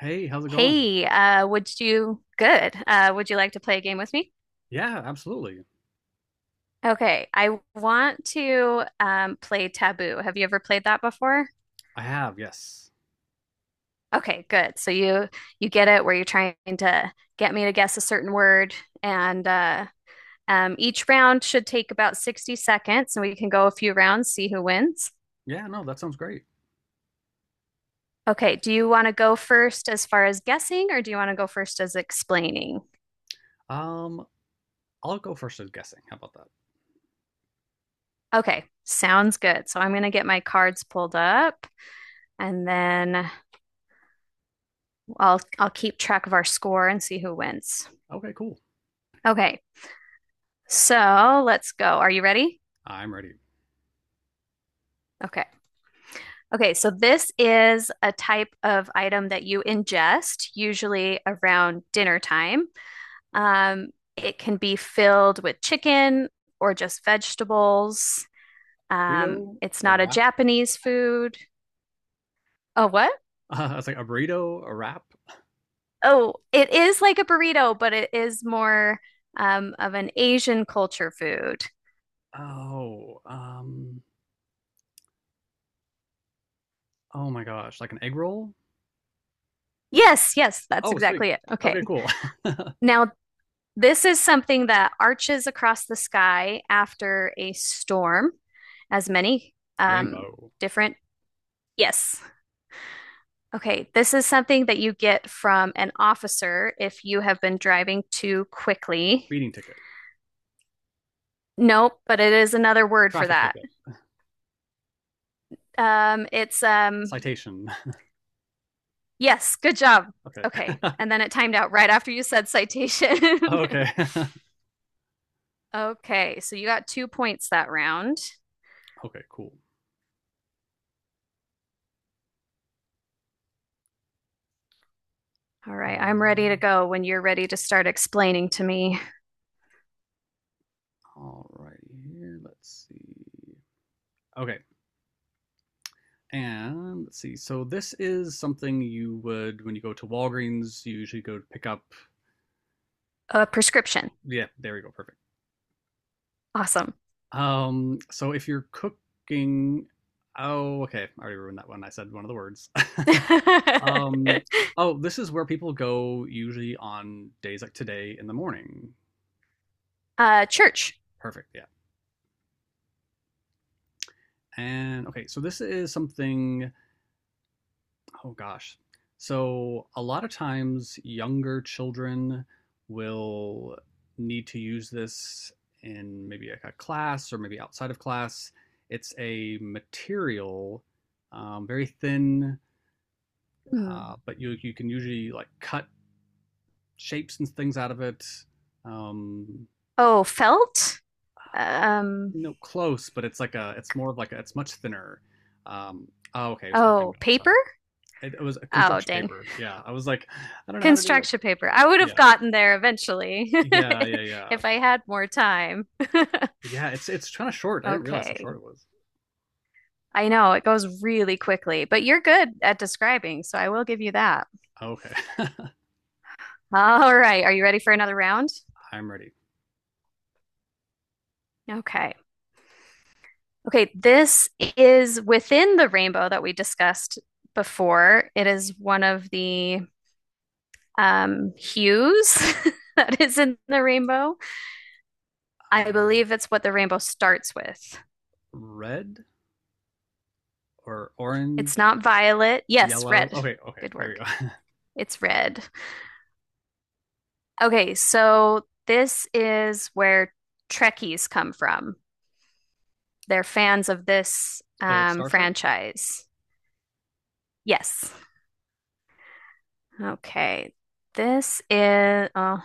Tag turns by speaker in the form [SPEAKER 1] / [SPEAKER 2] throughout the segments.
[SPEAKER 1] Hey, how's it going?
[SPEAKER 2] Hey, would you good? Would you like to play a game with me?
[SPEAKER 1] Yeah, absolutely.
[SPEAKER 2] Okay, I want to play Taboo. Have you ever played that before?
[SPEAKER 1] I have, yes.
[SPEAKER 2] Okay, good. So you get it where you're trying to get me to guess a certain word, and each round should take about 60 seconds, and we can go a few rounds, see who wins.
[SPEAKER 1] Yeah, no, that sounds great.
[SPEAKER 2] Okay, do you want to go first as far as guessing, or do you want to go first as explaining?
[SPEAKER 1] Um, I'll go first as guessing. How about that?
[SPEAKER 2] Okay, sounds good. So I'm going to get my cards pulled up, and then. I'll keep track of our score and see who wins.
[SPEAKER 1] Okay, cool.
[SPEAKER 2] Okay. So, let's go. Are you ready?
[SPEAKER 1] I'm ready.
[SPEAKER 2] Okay. Okay, so this is a type of item that you ingest, usually around dinner time. Um, it can be filled with chicken or just vegetables.
[SPEAKER 1] Burrito,
[SPEAKER 2] It's
[SPEAKER 1] a
[SPEAKER 2] not a
[SPEAKER 1] wrap?
[SPEAKER 2] Japanese food. Oh, what?
[SPEAKER 1] It's like a burrito, a wrap.
[SPEAKER 2] Oh, it is like a burrito, but it is more of an Asian culture food.
[SPEAKER 1] Oh, oh my gosh, like an egg roll?
[SPEAKER 2] Yes, yes, that's
[SPEAKER 1] Oh, sweet.
[SPEAKER 2] exactly it. Okay.
[SPEAKER 1] Okay, cool.
[SPEAKER 2] Now, this is something that arches across the sky after a storm, as many um,
[SPEAKER 1] Rainbow,
[SPEAKER 2] different. Yes. Okay. This is something that you get from an officer if you have been driving too quickly.
[SPEAKER 1] speeding ticket,
[SPEAKER 2] Nope, but it is another word for
[SPEAKER 1] traffic
[SPEAKER 2] that.
[SPEAKER 1] ticket,
[SPEAKER 2] It's
[SPEAKER 1] citation.
[SPEAKER 2] Yes, good job.
[SPEAKER 1] Okay.
[SPEAKER 2] Okay. And then it timed out right after you said citation.
[SPEAKER 1] Okay.
[SPEAKER 2] Okay, so you got 2 points that round.
[SPEAKER 1] Okay, cool.
[SPEAKER 2] All right, I'm ready to go when you're ready to start explaining to me.
[SPEAKER 1] All right, here, let's see. Okay, and let's see. So this is something you would when you go to Walgreens, you usually go to pick up.
[SPEAKER 2] A prescription.
[SPEAKER 1] Yeah, there we go. Perfect.
[SPEAKER 2] Awesome.
[SPEAKER 1] So if you're cooking, oh, okay, I already ruined that one. I said one of the words. um, oh, this is where people go usually on days like today in the morning.
[SPEAKER 2] Church.
[SPEAKER 1] Perfect. Yeah. And okay, so this is something. Oh gosh. So a lot of times younger children will need to use this in maybe like a class or maybe outside of class. It's a material, very thin,
[SPEAKER 2] Hmm.
[SPEAKER 1] but you can usually like cut shapes and things out of it. Um,
[SPEAKER 2] Oh, felt. Um,
[SPEAKER 1] no, close, but it's like a it's more of like a, it's much thinner. Um, oh, okay, so we can go.
[SPEAKER 2] oh,
[SPEAKER 1] Sorry,
[SPEAKER 2] paper.
[SPEAKER 1] it was a
[SPEAKER 2] Oh,
[SPEAKER 1] construction
[SPEAKER 2] dang.
[SPEAKER 1] paper. Yeah, I was like, I don't know how to do it.
[SPEAKER 2] Construction paper. I would have
[SPEAKER 1] Yeah.
[SPEAKER 2] gotten there eventually
[SPEAKER 1] Yeah, yeah, yeah.
[SPEAKER 2] if I had more time.
[SPEAKER 1] Yeah, it's kind of short. I didn't realize how
[SPEAKER 2] Okay.
[SPEAKER 1] short it was.
[SPEAKER 2] I know it goes really quickly, but you're good at describing, so I will give you that.
[SPEAKER 1] Oh, okay.
[SPEAKER 2] All right. Are you ready for another round?
[SPEAKER 1] I'm ready.
[SPEAKER 2] Okay. Okay. This is within the rainbow that we discussed before. It is one of the hues that is in the rainbow. I
[SPEAKER 1] Um,
[SPEAKER 2] believe it's what the rainbow starts with.
[SPEAKER 1] Red or
[SPEAKER 2] It's
[SPEAKER 1] orange,
[SPEAKER 2] not violet. Yes,
[SPEAKER 1] yellow.
[SPEAKER 2] red.
[SPEAKER 1] Okay, okay.
[SPEAKER 2] Good
[SPEAKER 1] There you
[SPEAKER 2] work.
[SPEAKER 1] go.
[SPEAKER 2] It's red. Okay. So this is where Trekkies come from. They're fans of this
[SPEAKER 1] Oh, it's Star Trek.
[SPEAKER 2] franchise. Yes. Okay. This is oh,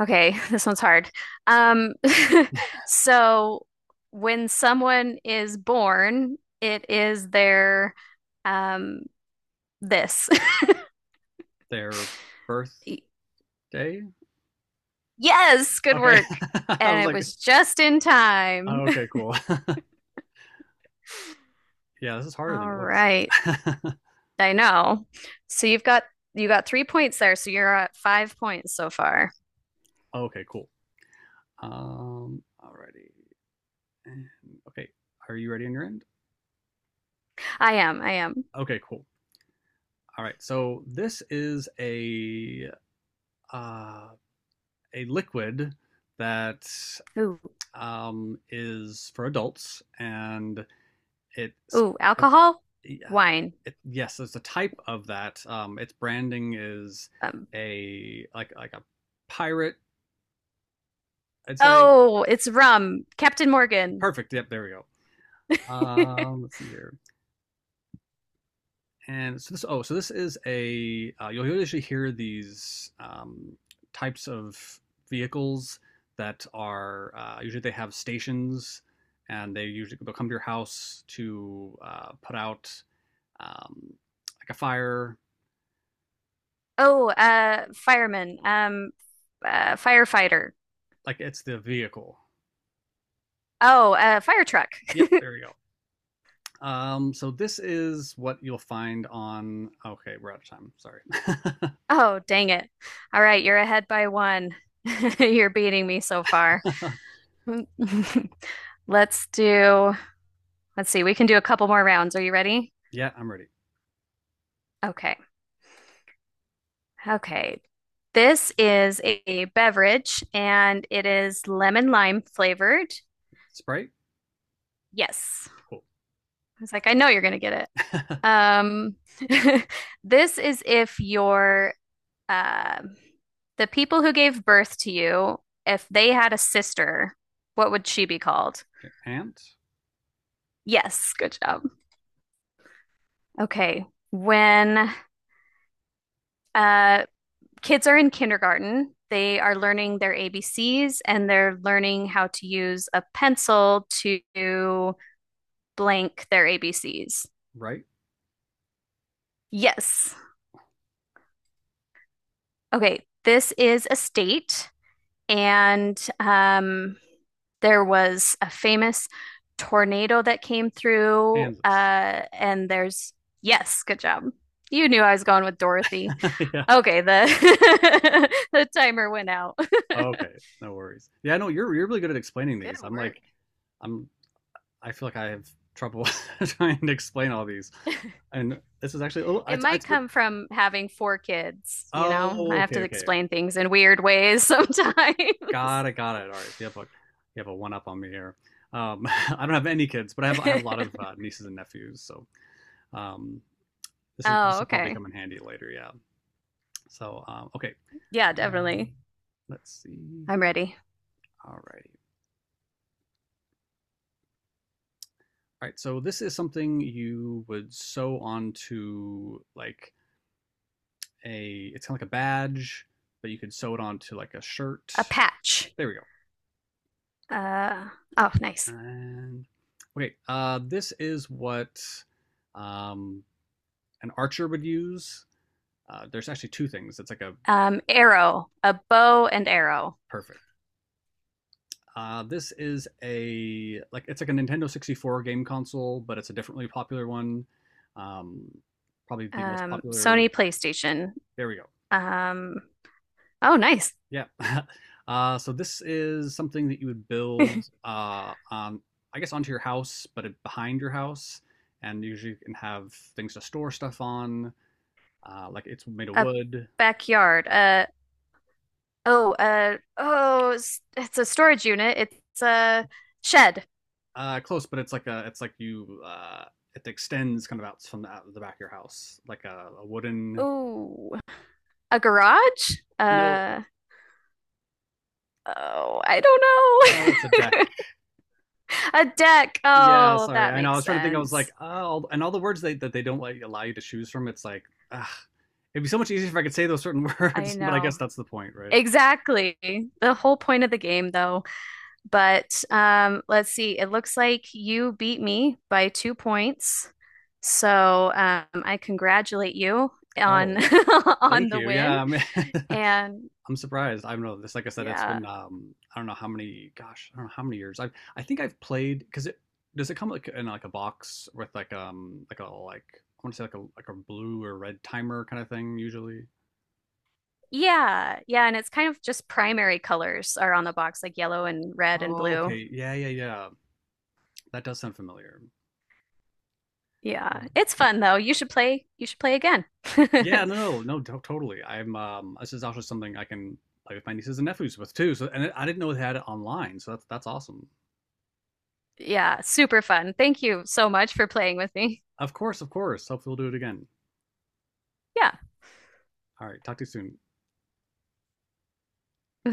[SPEAKER 2] okay, this one's hard. Um so when someone is born, it is their um this.
[SPEAKER 1] Their birthday.
[SPEAKER 2] Yes, good
[SPEAKER 1] Okay.
[SPEAKER 2] work.
[SPEAKER 1] I
[SPEAKER 2] And
[SPEAKER 1] was
[SPEAKER 2] it
[SPEAKER 1] like,
[SPEAKER 2] was just in time.
[SPEAKER 1] oh, okay, cool. Yeah, this is harder than
[SPEAKER 2] All
[SPEAKER 1] it looks.
[SPEAKER 2] right. I know. So you got 3 points there, so you're at 5 points so far.
[SPEAKER 1] Okay, cool. Alrighty. And- Okay, are you ready on your end?
[SPEAKER 2] I am, I am.
[SPEAKER 1] Okay, cool. All right. So this is uh a liquid that
[SPEAKER 2] Ooh,
[SPEAKER 1] is for adults, and it's
[SPEAKER 2] ooh,
[SPEAKER 1] it,
[SPEAKER 2] alcohol,
[SPEAKER 1] uh,
[SPEAKER 2] wine.
[SPEAKER 1] yes, there's a type of that. Its branding is
[SPEAKER 2] Um,
[SPEAKER 1] a like a pirate. I'd say
[SPEAKER 2] Oh, it's rum. Captain Morgan.
[SPEAKER 1] perfect. Yep, there we go. Let's see here. And so this oh so this is a you'll usually hear these types of vehicles that are usually they have stations and they'll come to your house to put out um, like a fire,
[SPEAKER 2] Oh, fireman. Firefighter.
[SPEAKER 1] like it's the vehicle.
[SPEAKER 2] Oh, fire truck.
[SPEAKER 1] Yep, there you go. So this is what you'll find on. Okay, we're out of time, sorry.
[SPEAKER 2] Oh, dang it. All right, you're ahead by one. You're beating me so far. Let's do, let's see, we can do a couple more rounds. Are you ready?
[SPEAKER 1] Yeah, I'm ready.
[SPEAKER 2] Okay. Okay. This is a beverage and it is lemon lime flavored.
[SPEAKER 1] Sprite.
[SPEAKER 2] Yes.
[SPEAKER 1] Cool.
[SPEAKER 2] I was like, I know you're going to get it. Um, this is if your uh, the people who gave birth to you, if they had a sister, what would she be called?
[SPEAKER 1] And
[SPEAKER 2] Yes, good job. Okay. When uh, kids are in kindergarten, they are learning their ABCs and they're learning how to use a pencil to blank their ABCs.
[SPEAKER 1] right.
[SPEAKER 2] Yes. Okay. This is a state. And there was a famous tornado that came through.
[SPEAKER 1] Kansas.
[SPEAKER 2] And there's, yes, good job. You knew I was going with Dorothy.
[SPEAKER 1] Yeah.
[SPEAKER 2] Okay, the the timer went out.
[SPEAKER 1] Oh, okay, no worries. Yeah, no, you're really good at explaining
[SPEAKER 2] Good
[SPEAKER 1] these. I'm
[SPEAKER 2] work.
[SPEAKER 1] like, I'm I feel like I have trouble trying to explain all these. And this is actually oh,
[SPEAKER 2] It
[SPEAKER 1] I
[SPEAKER 2] might
[SPEAKER 1] but
[SPEAKER 2] come from having four kids, you know? I
[SPEAKER 1] oh,
[SPEAKER 2] have
[SPEAKER 1] okay,
[SPEAKER 2] to
[SPEAKER 1] okay,
[SPEAKER 2] explain things in weird ways sometimes.
[SPEAKER 1] got it, got it. All right, so you have a one up on me here. I don't have any kids, but I have a lot of nieces and nephews, so um, this
[SPEAKER 2] Oh,
[SPEAKER 1] will probably
[SPEAKER 2] okay.
[SPEAKER 1] come in handy later. Yeah. So okay,
[SPEAKER 2] Yeah,
[SPEAKER 1] um,
[SPEAKER 2] definitely.
[SPEAKER 1] let's see.
[SPEAKER 2] I'm ready.
[SPEAKER 1] All righty, all right, so this is something you would sew onto like a, it's kind of like a badge, but you can sew it onto like a shirt.
[SPEAKER 2] A patch.
[SPEAKER 1] There we go.
[SPEAKER 2] Uh, oh, nice.
[SPEAKER 1] And okay, this is what um, an archer would use. There's actually two things. It's like a
[SPEAKER 2] Arrow, a bow and arrow.
[SPEAKER 1] perfect. This is a like it's like a Nintendo 64 game console, but it's a differently popular one. Um, probably the most popular.
[SPEAKER 2] Sony PlayStation.
[SPEAKER 1] There we go.
[SPEAKER 2] Um, oh, nice.
[SPEAKER 1] Yeah. So this is something that you would build on, I guess, onto your house, but behind your house, and usually you can have things to store stuff on. Like it's made of
[SPEAKER 2] A
[SPEAKER 1] wood.
[SPEAKER 2] backyard. It's a storage unit. It's a shed.
[SPEAKER 1] Close, but it's like a, it's like you, it extends kind of out from the, out of the back of your house, like a wooden.
[SPEAKER 2] Oh, a garage.
[SPEAKER 1] No,
[SPEAKER 2] Oh, I
[SPEAKER 1] oh, it's a deck.
[SPEAKER 2] don't know. A deck.
[SPEAKER 1] Yeah,
[SPEAKER 2] Oh,
[SPEAKER 1] sorry.
[SPEAKER 2] that
[SPEAKER 1] I know. I
[SPEAKER 2] makes
[SPEAKER 1] was trying to think. I was like,
[SPEAKER 2] sense.
[SPEAKER 1] oh, and all the words they, that they don't like allow you to choose from. It's like, ah, it'd be so much easier if I could say those certain
[SPEAKER 2] I
[SPEAKER 1] words, but I guess
[SPEAKER 2] know.
[SPEAKER 1] that's the point, right?
[SPEAKER 2] Exactly. The whole point of the game, though. But let's see. It looks like you beat me by 2 points. So I congratulate you on
[SPEAKER 1] Oh,
[SPEAKER 2] on
[SPEAKER 1] thank
[SPEAKER 2] the
[SPEAKER 1] you.
[SPEAKER 2] win.
[SPEAKER 1] Yeah, I'm,
[SPEAKER 2] And
[SPEAKER 1] I'm surprised. I don't know. This, like I said, it's
[SPEAKER 2] yeah.
[SPEAKER 1] been I don't know how many. Gosh, I don't know how many years. I think I've played because it does it come like in like a box with like a I want to say like a a blue or red timer kind of thing usually.
[SPEAKER 2] Yeah. Yeah, and it's kind of just primary colors are on the box like yellow and red and
[SPEAKER 1] Oh,
[SPEAKER 2] blue.
[SPEAKER 1] okay. Yeah. That does sound familiar.
[SPEAKER 2] Yeah. It's fun though. You should play again.
[SPEAKER 1] Yeah, no, no, no, totally. I'm this is also something I can play with my nieces and nephews with too. So and I didn't know they had it online, so that's awesome.
[SPEAKER 2] Yeah, super fun. Thank you so much for playing with me.
[SPEAKER 1] Of course, of course. Hopefully we'll do it again.
[SPEAKER 2] Yeah.
[SPEAKER 1] All right, talk to you soon.